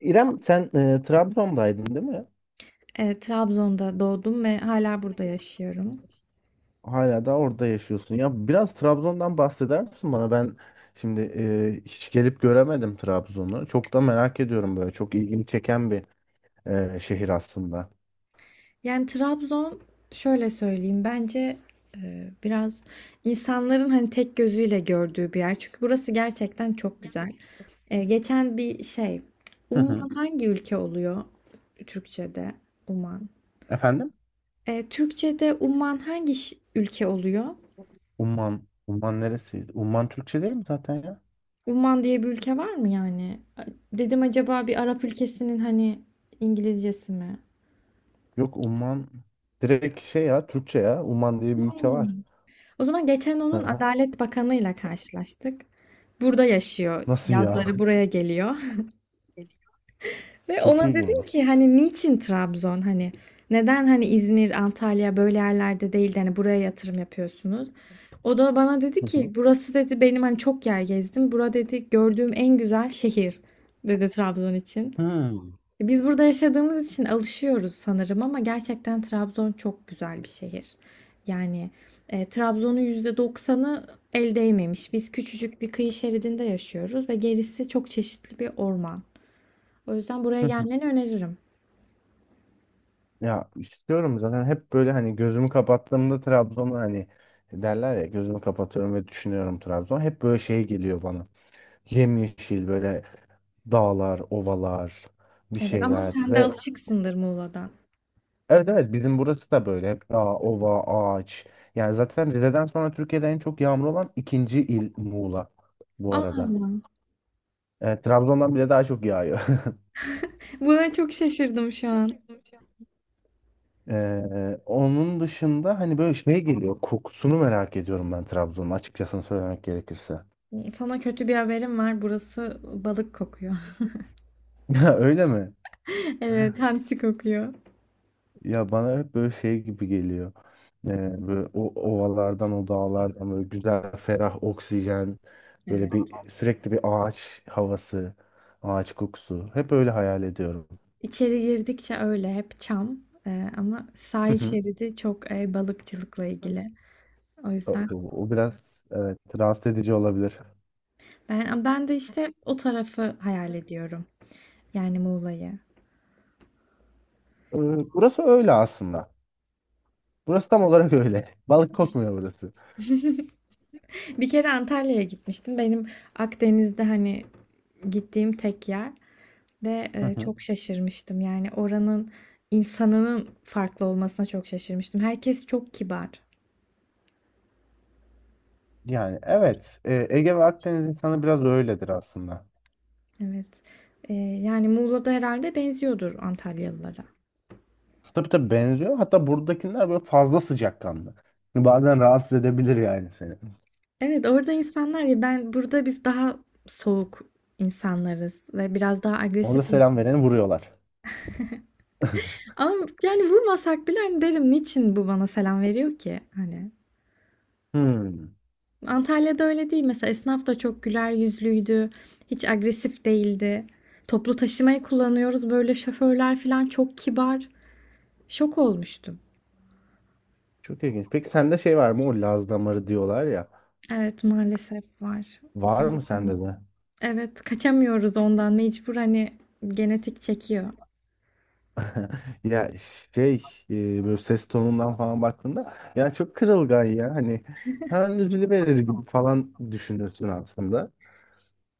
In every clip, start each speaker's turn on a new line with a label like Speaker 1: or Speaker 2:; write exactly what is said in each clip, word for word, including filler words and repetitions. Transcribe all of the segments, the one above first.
Speaker 1: İrem sen e, Trabzon'daydın değil mi?
Speaker 2: Evet, Trabzon'da doğdum ve hala burada yaşıyorum.
Speaker 1: Hala da orada yaşıyorsun. Ya biraz Trabzon'dan bahseder misin bana? Ben şimdi e, hiç gelip göremedim Trabzon'u. Çok da merak ediyorum böyle. Çok ilgimi çeken bir e, şehir aslında.
Speaker 2: Yani Trabzon şöyle söyleyeyim bence e, biraz insanların hani tek gözüyle gördüğü bir yer. Çünkü burası gerçekten çok güzel. E, geçen bir şey
Speaker 1: Hı hı.
Speaker 2: Umman hangi ülke oluyor Türkçe'de? Umman.
Speaker 1: Efendim?
Speaker 2: E, Türkçe'de Umman hangi ş- ülke oluyor?
Speaker 1: Umman. Umman neresiydi? Umman Türkçe değil mi zaten ya?
Speaker 2: Umman diye bir ülke var mı yani? Dedim acaba bir Arap ülkesinin hani İngilizcesi mi?
Speaker 1: Yok Umman direkt şey ya Türkçe ya. Umman diye bir ülke var.
Speaker 2: O zaman geçen
Speaker 1: Hı
Speaker 2: onun
Speaker 1: hı.
Speaker 2: Adalet Bakanı'yla karşılaştık. Burada yaşıyor.
Speaker 1: Nasıl ya?
Speaker 2: Yazları buraya geliyor. Ve
Speaker 1: Çok
Speaker 2: ona dedim ki
Speaker 1: ilginç.
Speaker 2: hani niçin Trabzon? Hani neden hani İzmir, Antalya böyle yerlerde değil de hani buraya yatırım yapıyorsunuz? O da bana dedi
Speaker 1: Hı
Speaker 2: ki
Speaker 1: hı.
Speaker 2: burası dedi benim hani çok yer gezdim. Bura dedi gördüğüm en güzel şehir dedi Trabzon için. Biz burada yaşadığımız için alışıyoruz sanırım ama gerçekten Trabzon çok güzel bir şehir. Yani e, Trabzon'un yüzde doksanı el değmemiş. Biz küçücük bir kıyı şeridinde yaşıyoruz ve gerisi çok çeşitli bir orman. O yüzden buraya
Speaker 1: Hmm.
Speaker 2: gelmeni öneririm.
Speaker 1: Ya istiyorum zaten hep böyle hani gözümü kapattığımda Trabzon'u hani derler ya gözümü kapatıyorum ve düşünüyorum Trabzon. Hep böyle şey geliyor bana. Yemyeşil böyle dağlar, ovalar, bir
Speaker 2: Evet ama
Speaker 1: şeyler
Speaker 2: sen de
Speaker 1: ve
Speaker 2: alışıksındır Muğla'dan.
Speaker 1: evet evet bizim burası da böyle hep dağ, ova, ağaç. Yani zaten Rize'den sonra Türkiye'de en çok yağmur olan ikinci il Muğla bu
Speaker 2: Aa,
Speaker 1: arada. Evet, Trabzon'dan bile daha çok yağıyor.
Speaker 2: buna çok şaşırdım şu an.
Speaker 1: Ee, onun dışında hani böyle şey geliyor. Kokusunu merak ediyorum ben Trabzon'un açıkçası söylemek gerekirse.
Speaker 2: Sana kötü bir haberim var. Burası balık kokuyor.
Speaker 1: Ya öyle mi?
Speaker 2: Evet, hamsi kokuyor.
Speaker 1: Ya bana hep böyle şey gibi geliyor. Ee, böyle o ovalardan, o dağlardan böyle güzel, ferah oksijen,
Speaker 2: Evet.
Speaker 1: böyle bir sürekli bir ağaç havası, ağaç kokusu. Hep öyle hayal ediyorum.
Speaker 2: İçeri girdikçe öyle hep çam. Ee, ama
Speaker 1: Hı
Speaker 2: sahil
Speaker 1: hı.
Speaker 2: şeridi çok e, balıkçılıkla ilgili. O
Speaker 1: O,
Speaker 2: yüzden
Speaker 1: o- o biraz evet rahatsız edici olabilir.
Speaker 2: ben ben de işte o tarafı hayal ediyorum. Yani Muğla'yı.
Speaker 1: Ee, burası öyle aslında. Burası tam olarak öyle. Balık kokmuyor burası.
Speaker 2: Bir kere Antalya'ya gitmiştim. Benim Akdeniz'de hani gittiğim tek yer ve
Speaker 1: Hı
Speaker 2: e,
Speaker 1: hı.
Speaker 2: çok şaşırmıştım. Yani oranın insanının farklı olmasına çok şaşırmıştım. Herkes çok kibar.
Speaker 1: Yani evet, e, Ege ve Akdeniz insanı biraz öyledir aslında.
Speaker 2: Evet. Ee, yani Muğla'da herhalde benziyordur Antalyalılara.
Speaker 1: Tabii tabii benziyor. Hatta buradakiler böyle fazla sıcakkanlı. Bazen rahatsız edebilir yani seni.
Speaker 2: Evet, orada insanlar ya ben burada biz daha soğuk insanlarız ve biraz daha
Speaker 1: Orada
Speaker 2: agresif
Speaker 1: selam
Speaker 2: insan.
Speaker 1: vereni vuruyorlar.
Speaker 2: Ama yani vurmasak bile hani derim niçin bu bana selam veriyor ki hani.
Speaker 1: Hmm.
Speaker 2: Antalya'da öyle değil. Mesela esnaf da çok güler yüzlüydü. Hiç agresif değildi. Toplu taşımayı kullanıyoruz. Böyle şoförler falan çok kibar. Şok olmuştum.
Speaker 1: Çok ilginç. Peki sende şey var mı? O Laz damarı diyorlar ya.
Speaker 2: Evet maalesef var.
Speaker 1: Var mı sende de?
Speaker 2: Evet kaçamıyoruz ondan mecbur hani genetik çekiyor.
Speaker 1: Ya şey e, böyle ses tonundan falan baktığında ya çok kırılgan ya hani hemen üzülüverir gibi falan düşünürsün aslında.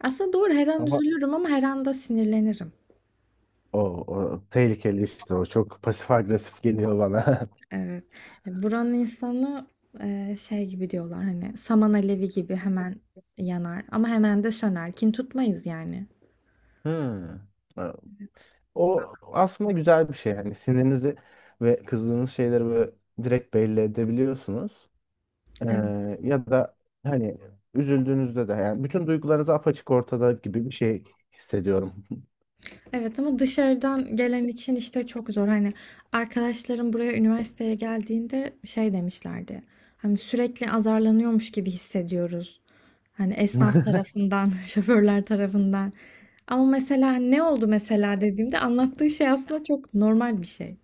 Speaker 2: Aslında doğru her an
Speaker 1: Ama
Speaker 2: üzülürüm ama her anda sinirlenirim.
Speaker 1: o, o tehlikeli işte o çok pasif agresif geliyor bana.
Speaker 2: Evet. E, Buranın insanı e, şey gibi diyorlar hani saman alevi gibi hemen yanar ama hemen de söner. Kin tutmayız yani.
Speaker 1: Hmm. O aslında güzel bir şey yani sinirinizi ve kızdığınız şeyleri böyle direkt belli edebiliyorsunuz. Ee,
Speaker 2: Evet.
Speaker 1: ya da hani üzüldüğünüzde de yani bütün duygularınız apaçık ortada gibi bir şey hissediyorum.
Speaker 2: Evet ama dışarıdan gelen için işte çok zor. Hani arkadaşlarım buraya üniversiteye geldiğinde şey demişlerdi. Hani sürekli azarlanıyormuş gibi hissediyoruz. Hani esnaf tarafından, şoförler tarafından. Ama mesela ne oldu mesela dediğimde anlattığı şey aslında çok normal bir şey.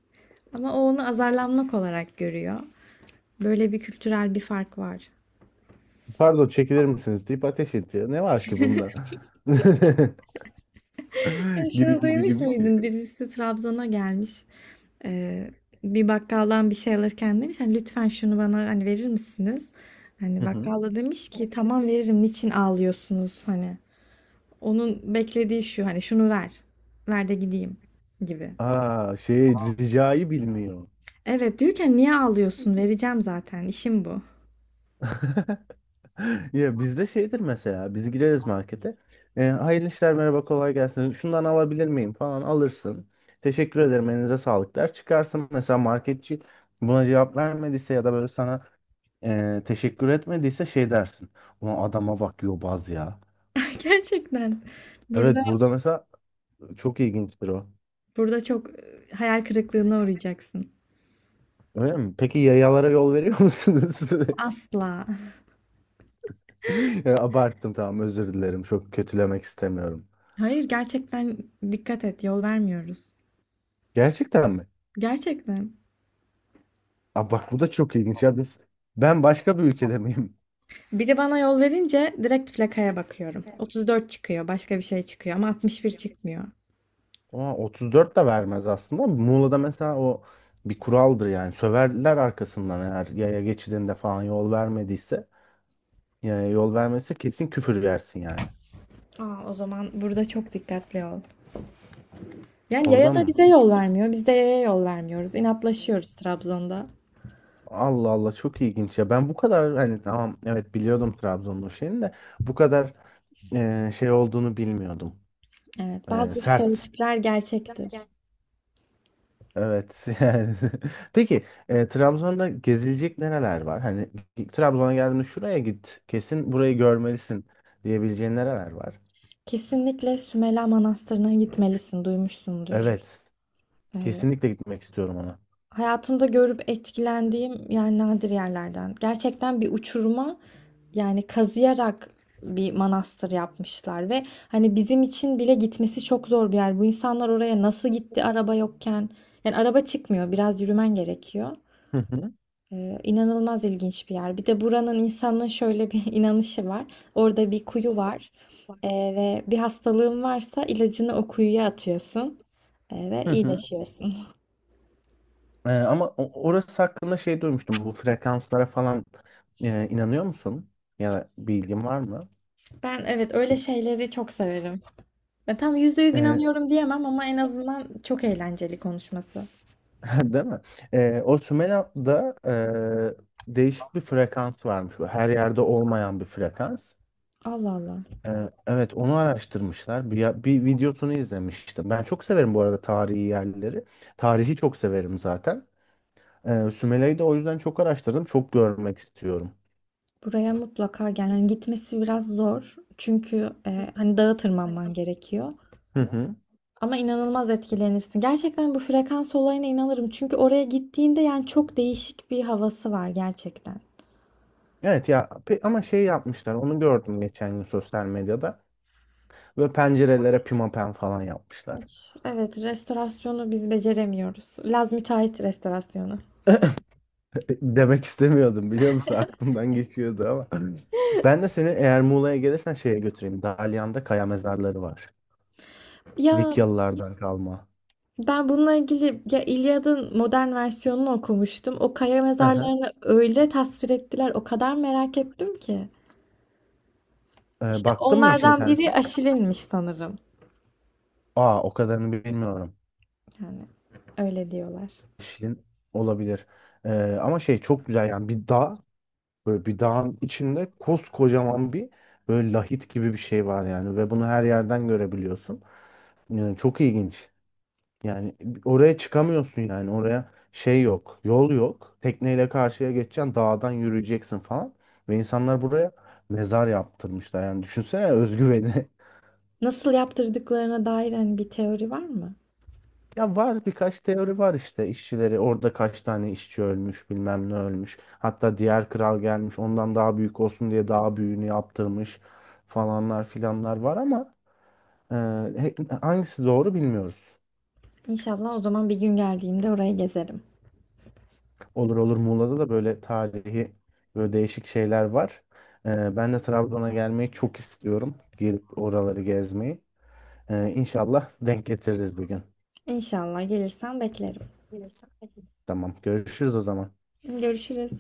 Speaker 2: Ama o onu azarlanmak olarak görüyor. Böyle bir kültürel bir fark var.
Speaker 1: Pardon çekilir misiniz deyip ateş ediyor. Ne var ki bunda?
Speaker 2: Ya
Speaker 1: Gibi
Speaker 2: şunu
Speaker 1: gibi
Speaker 2: duymuş
Speaker 1: gibi şey.
Speaker 2: muydun? Birisi Trabzon'a gelmiş. Ee, Bir bakkaldan bir şey alırken demiş hani lütfen şunu bana hani verir misiniz? Hani
Speaker 1: Hı hı.
Speaker 2: bakkal da demiş ki tamam veririm niçin ağlıyorsunuz hani. Onun beklediği şu hani şunu ver. Ver de gideyim gibi.
Speaker 1: Aa, şey ricayı bilmiyor.
Speaker 2: Evet diyorken niye ağlıyorsun? Vereceğim zaten. İşim bu.
Speaker 1: Ya bizde şeydir mesela biz gireriz markete. E, hayırlı işler merhaba kolay gelsin. Şundan alabilir miyim falan alırsın. Teşekkür ederim elinize sağlık der. Çıkarsın mesela marketçi buna cevap vermediyse ya da böyle sana e, teşekkür etmediyse şey dersin. Ulan adama bak yobaz ya.
Speaker 2: Gerçekten. Burada
Speaker 1: Evet, burada mesela çok ilginçtir o.
Speaker 2: burada çok e, hayal kırıklığına uğrayacaksın.
Speaker 1: Öyle mi? Peki yayalara yol veriyor musunuz?
Speaker 2: Asla.
Speaker 1: Ya abarttım tamam özür dilerim. Çok kötülemek istemiyorum.
Speaker 2: Hayır gerçekten dikkat et yol vermiyoruz.
Speaker 1: Gerçekten mi?
Speaker 2: Gerçekten.
Speaker 1: Aa, bak bu da çok ilginç ya biz ben başka bir ülkede miyim?
Speaker 2: Biri bana yol verince direkt plakaya bakıyorum. otuz dört çıkıyor, başka bir şey çıkıyor ama altmış bir çıkmıyor.
Speaker 1: Aa, otuz dört de vermez aslında. Muğla'da mesela o bir kuraldır yani. Söverler arkasından eğer yaya geçidinde falan yol vermediyse. Yaya yol vermezse kesin küfür yersin yani.
Speaker 2: Aa, o zaman burada çok dikkatli ol. Yani
Speaker 1: Orada
Speaker 2: yaya da
Speaker 1: mı?
Speaker 2: bize yol vermiyor, biz de yaya yol vermiyoruz. İnatlaşıyoruz Trabzon'da.
Speaker 1: Allah Allah çok ilginç ya. Ben bu kadar hani tamam evet biliyordum Trabzon'un şeyini de bu kadar e, şey olduğunu bilmiyordum.
Speaker 2: Evet,
Speaker 1: E,
Speaker 2: bazı
Speaker 1: sert.
Speaker 2: stereotipler gerçektir.
Speaker 1: Evet. Yani. Peki e, Trabzon'da gezilecek nereler var? Hani Trabzon'a geldiğinde şuraya git, kesin burayı görmelisin diyebileceğin nereler var?
Speaker 2: Kesinlikle Sümela Manastırı'na gitmelisin, duymuşsundur.
Speaker 1: Evet.
Speaker 2: Ee,
Speaker 1: Kesinlikle gitmek istiyorum ona.
Speaker 2: Hayatımda görüp etkilendiğim yani nadir yerlerden. Gerçekten bir uçuruma, yani kazıyarak bir manastır yapmışlar ve hani bizim için bile gitmesi çok zor bir yer. Bu insanlar oraya nasıl gitti araba yokken? Yani araba çıkmıyor, biraz yürümen gerekiyor.
Speaker 1: Hı hı.
Speaker 2: Ee, inanılmaz ilginç bir yer. Bir de buranın insanın şöyle bir inanışı var. Orada bir kuyu var. Ee, Ve bir hastalığın varsa ilacını o kuyuya atıyorsun. Ee, ve
Speaker 1: Hı hı.
Speaker 2: iyileşiyorsun.
Speaker 1: E, ama o- orası hakkında şey duymuştum. Bu frekanslara falan e, inanıyor musun? Ya da bilgin var mı?
Speaker 2: Ben evet öyle şeyleri çok severim. Ya tam yüzde yüz
Speaker 1: E,
Speaker 2: inanıyorum diyemem ama en azından çok eğlenceli konuşması.
Speaker 1: değil mi? E, o Sümela'da e, değişik bir frekans varmış. Bu her yerde olmayan bir frekans.
Speaker 2: Allah Allah.
Speaker 1: Ee, Evet, onu araştırmışlar. Bir, ya- bir videosunu izlemiştim. Ben çok severim bu arada tarihi yerleri. Tarihi çok severim zaten. Ee, Sümele'yi de o yüzden çok araştırdım. Çok görmek istiyorum.
Speaker 2: Buraya mutlaka gel. Yani gitmesi biraz zor. Çünkü e, hani dağa tırmanman gerekiyor.
Speaker 1: Hı hı.
Speaker 2: Ama inanılmaz etkilenirsin. Gerçekten bu frekans olayına inanırım. Çünkü oraya gittiğinde yani çok değişik bir havası var gerçekten.
Speaker 1: Evet ya pe- ama şey yapmışlar. Onu gördüm geçen gün sosyal medyada. Böyle pencerelere pimapen falan yapmışlar.
Speaker 2: Evet, restorasyonu biz beceremiyoruz. Laz müteahhit restorasyonu.
Speaker 1: Demek istemiyordum biliyor musun? Aklımdan geçiyordu ama. Ben de seni eğer Muğla'ya gelirsen şeye götüreyim. Dalyan'da kaya mezarları var.
Speaker 2: Ya
Speaker 1: Likyalılardan kalma.
Speaker 2: ben bununla ilgili ya İlyad'ın modern versiyonunu okumuştum. O kaya
Speaker 1: Hı hı.
Speaker 2: mezarlarını öyle tasvir ettiler. O kadar merak ettim ki.
Speaker 1: Ee,
Speaker 2: İşte
Speaker 1: baktın mı hiç
Speaker 2: onlardan biri
Speaker 1: internete?
Speaker 2: Aşil'inmiş sanırım.
Speaker 1: Aa, o kadarını bilmiyorum.
Speaker 2: Yani öyle diyorlar.
Speaker 1: Şirin olabilir. Ee, ama şey çok güzel yani bir dağ böyle bir dağın içinde koskocaman bir böyle lahit gibi bir şey var yani ve bunu her yerden görebiliyorsun. Yani çok ilginç. Yani oraya çıkamıyorsun yani oraya şey yok, yol yok. Tekneyle karşıya geçeceksin, dağdan yürüyeceksin falan. Ve insanlar buraya mezar yaptırmışlar. Yani düşünsene özgüveni.
Speaker 2: Nasıl yaptırdıklarına dair hani bir teori var mı?
Speaker 1: Ya var birkaç teori var işte işçileri orada kaç tane işçi ölmüş bilmem ne ölmüş. Hatta diğer kral gelmiş ondan daha büyük olsun diye daha büyüğünü yaptırmış falanlar filanlar var ama e, he- hangisi doğru bilmiyoruz.
Speaker 2: İnşallah o zaman bir gün geldiğimde orayı gezerim.
Speaker 1: Olur olur Muğla'da da böyle tarihi böyle değişik şeyler var. E, ben de Trabzon'a gelmeyi çok istiyorum. Gelip oraları gezmeyi. E, İnşallah denk getiririz bir gün.
Speaker 2: İnşallah gelirsen beklerim.
Speaker 1: Tamam görüşürüz o zaman.
Speaker 2: Görüşürüz.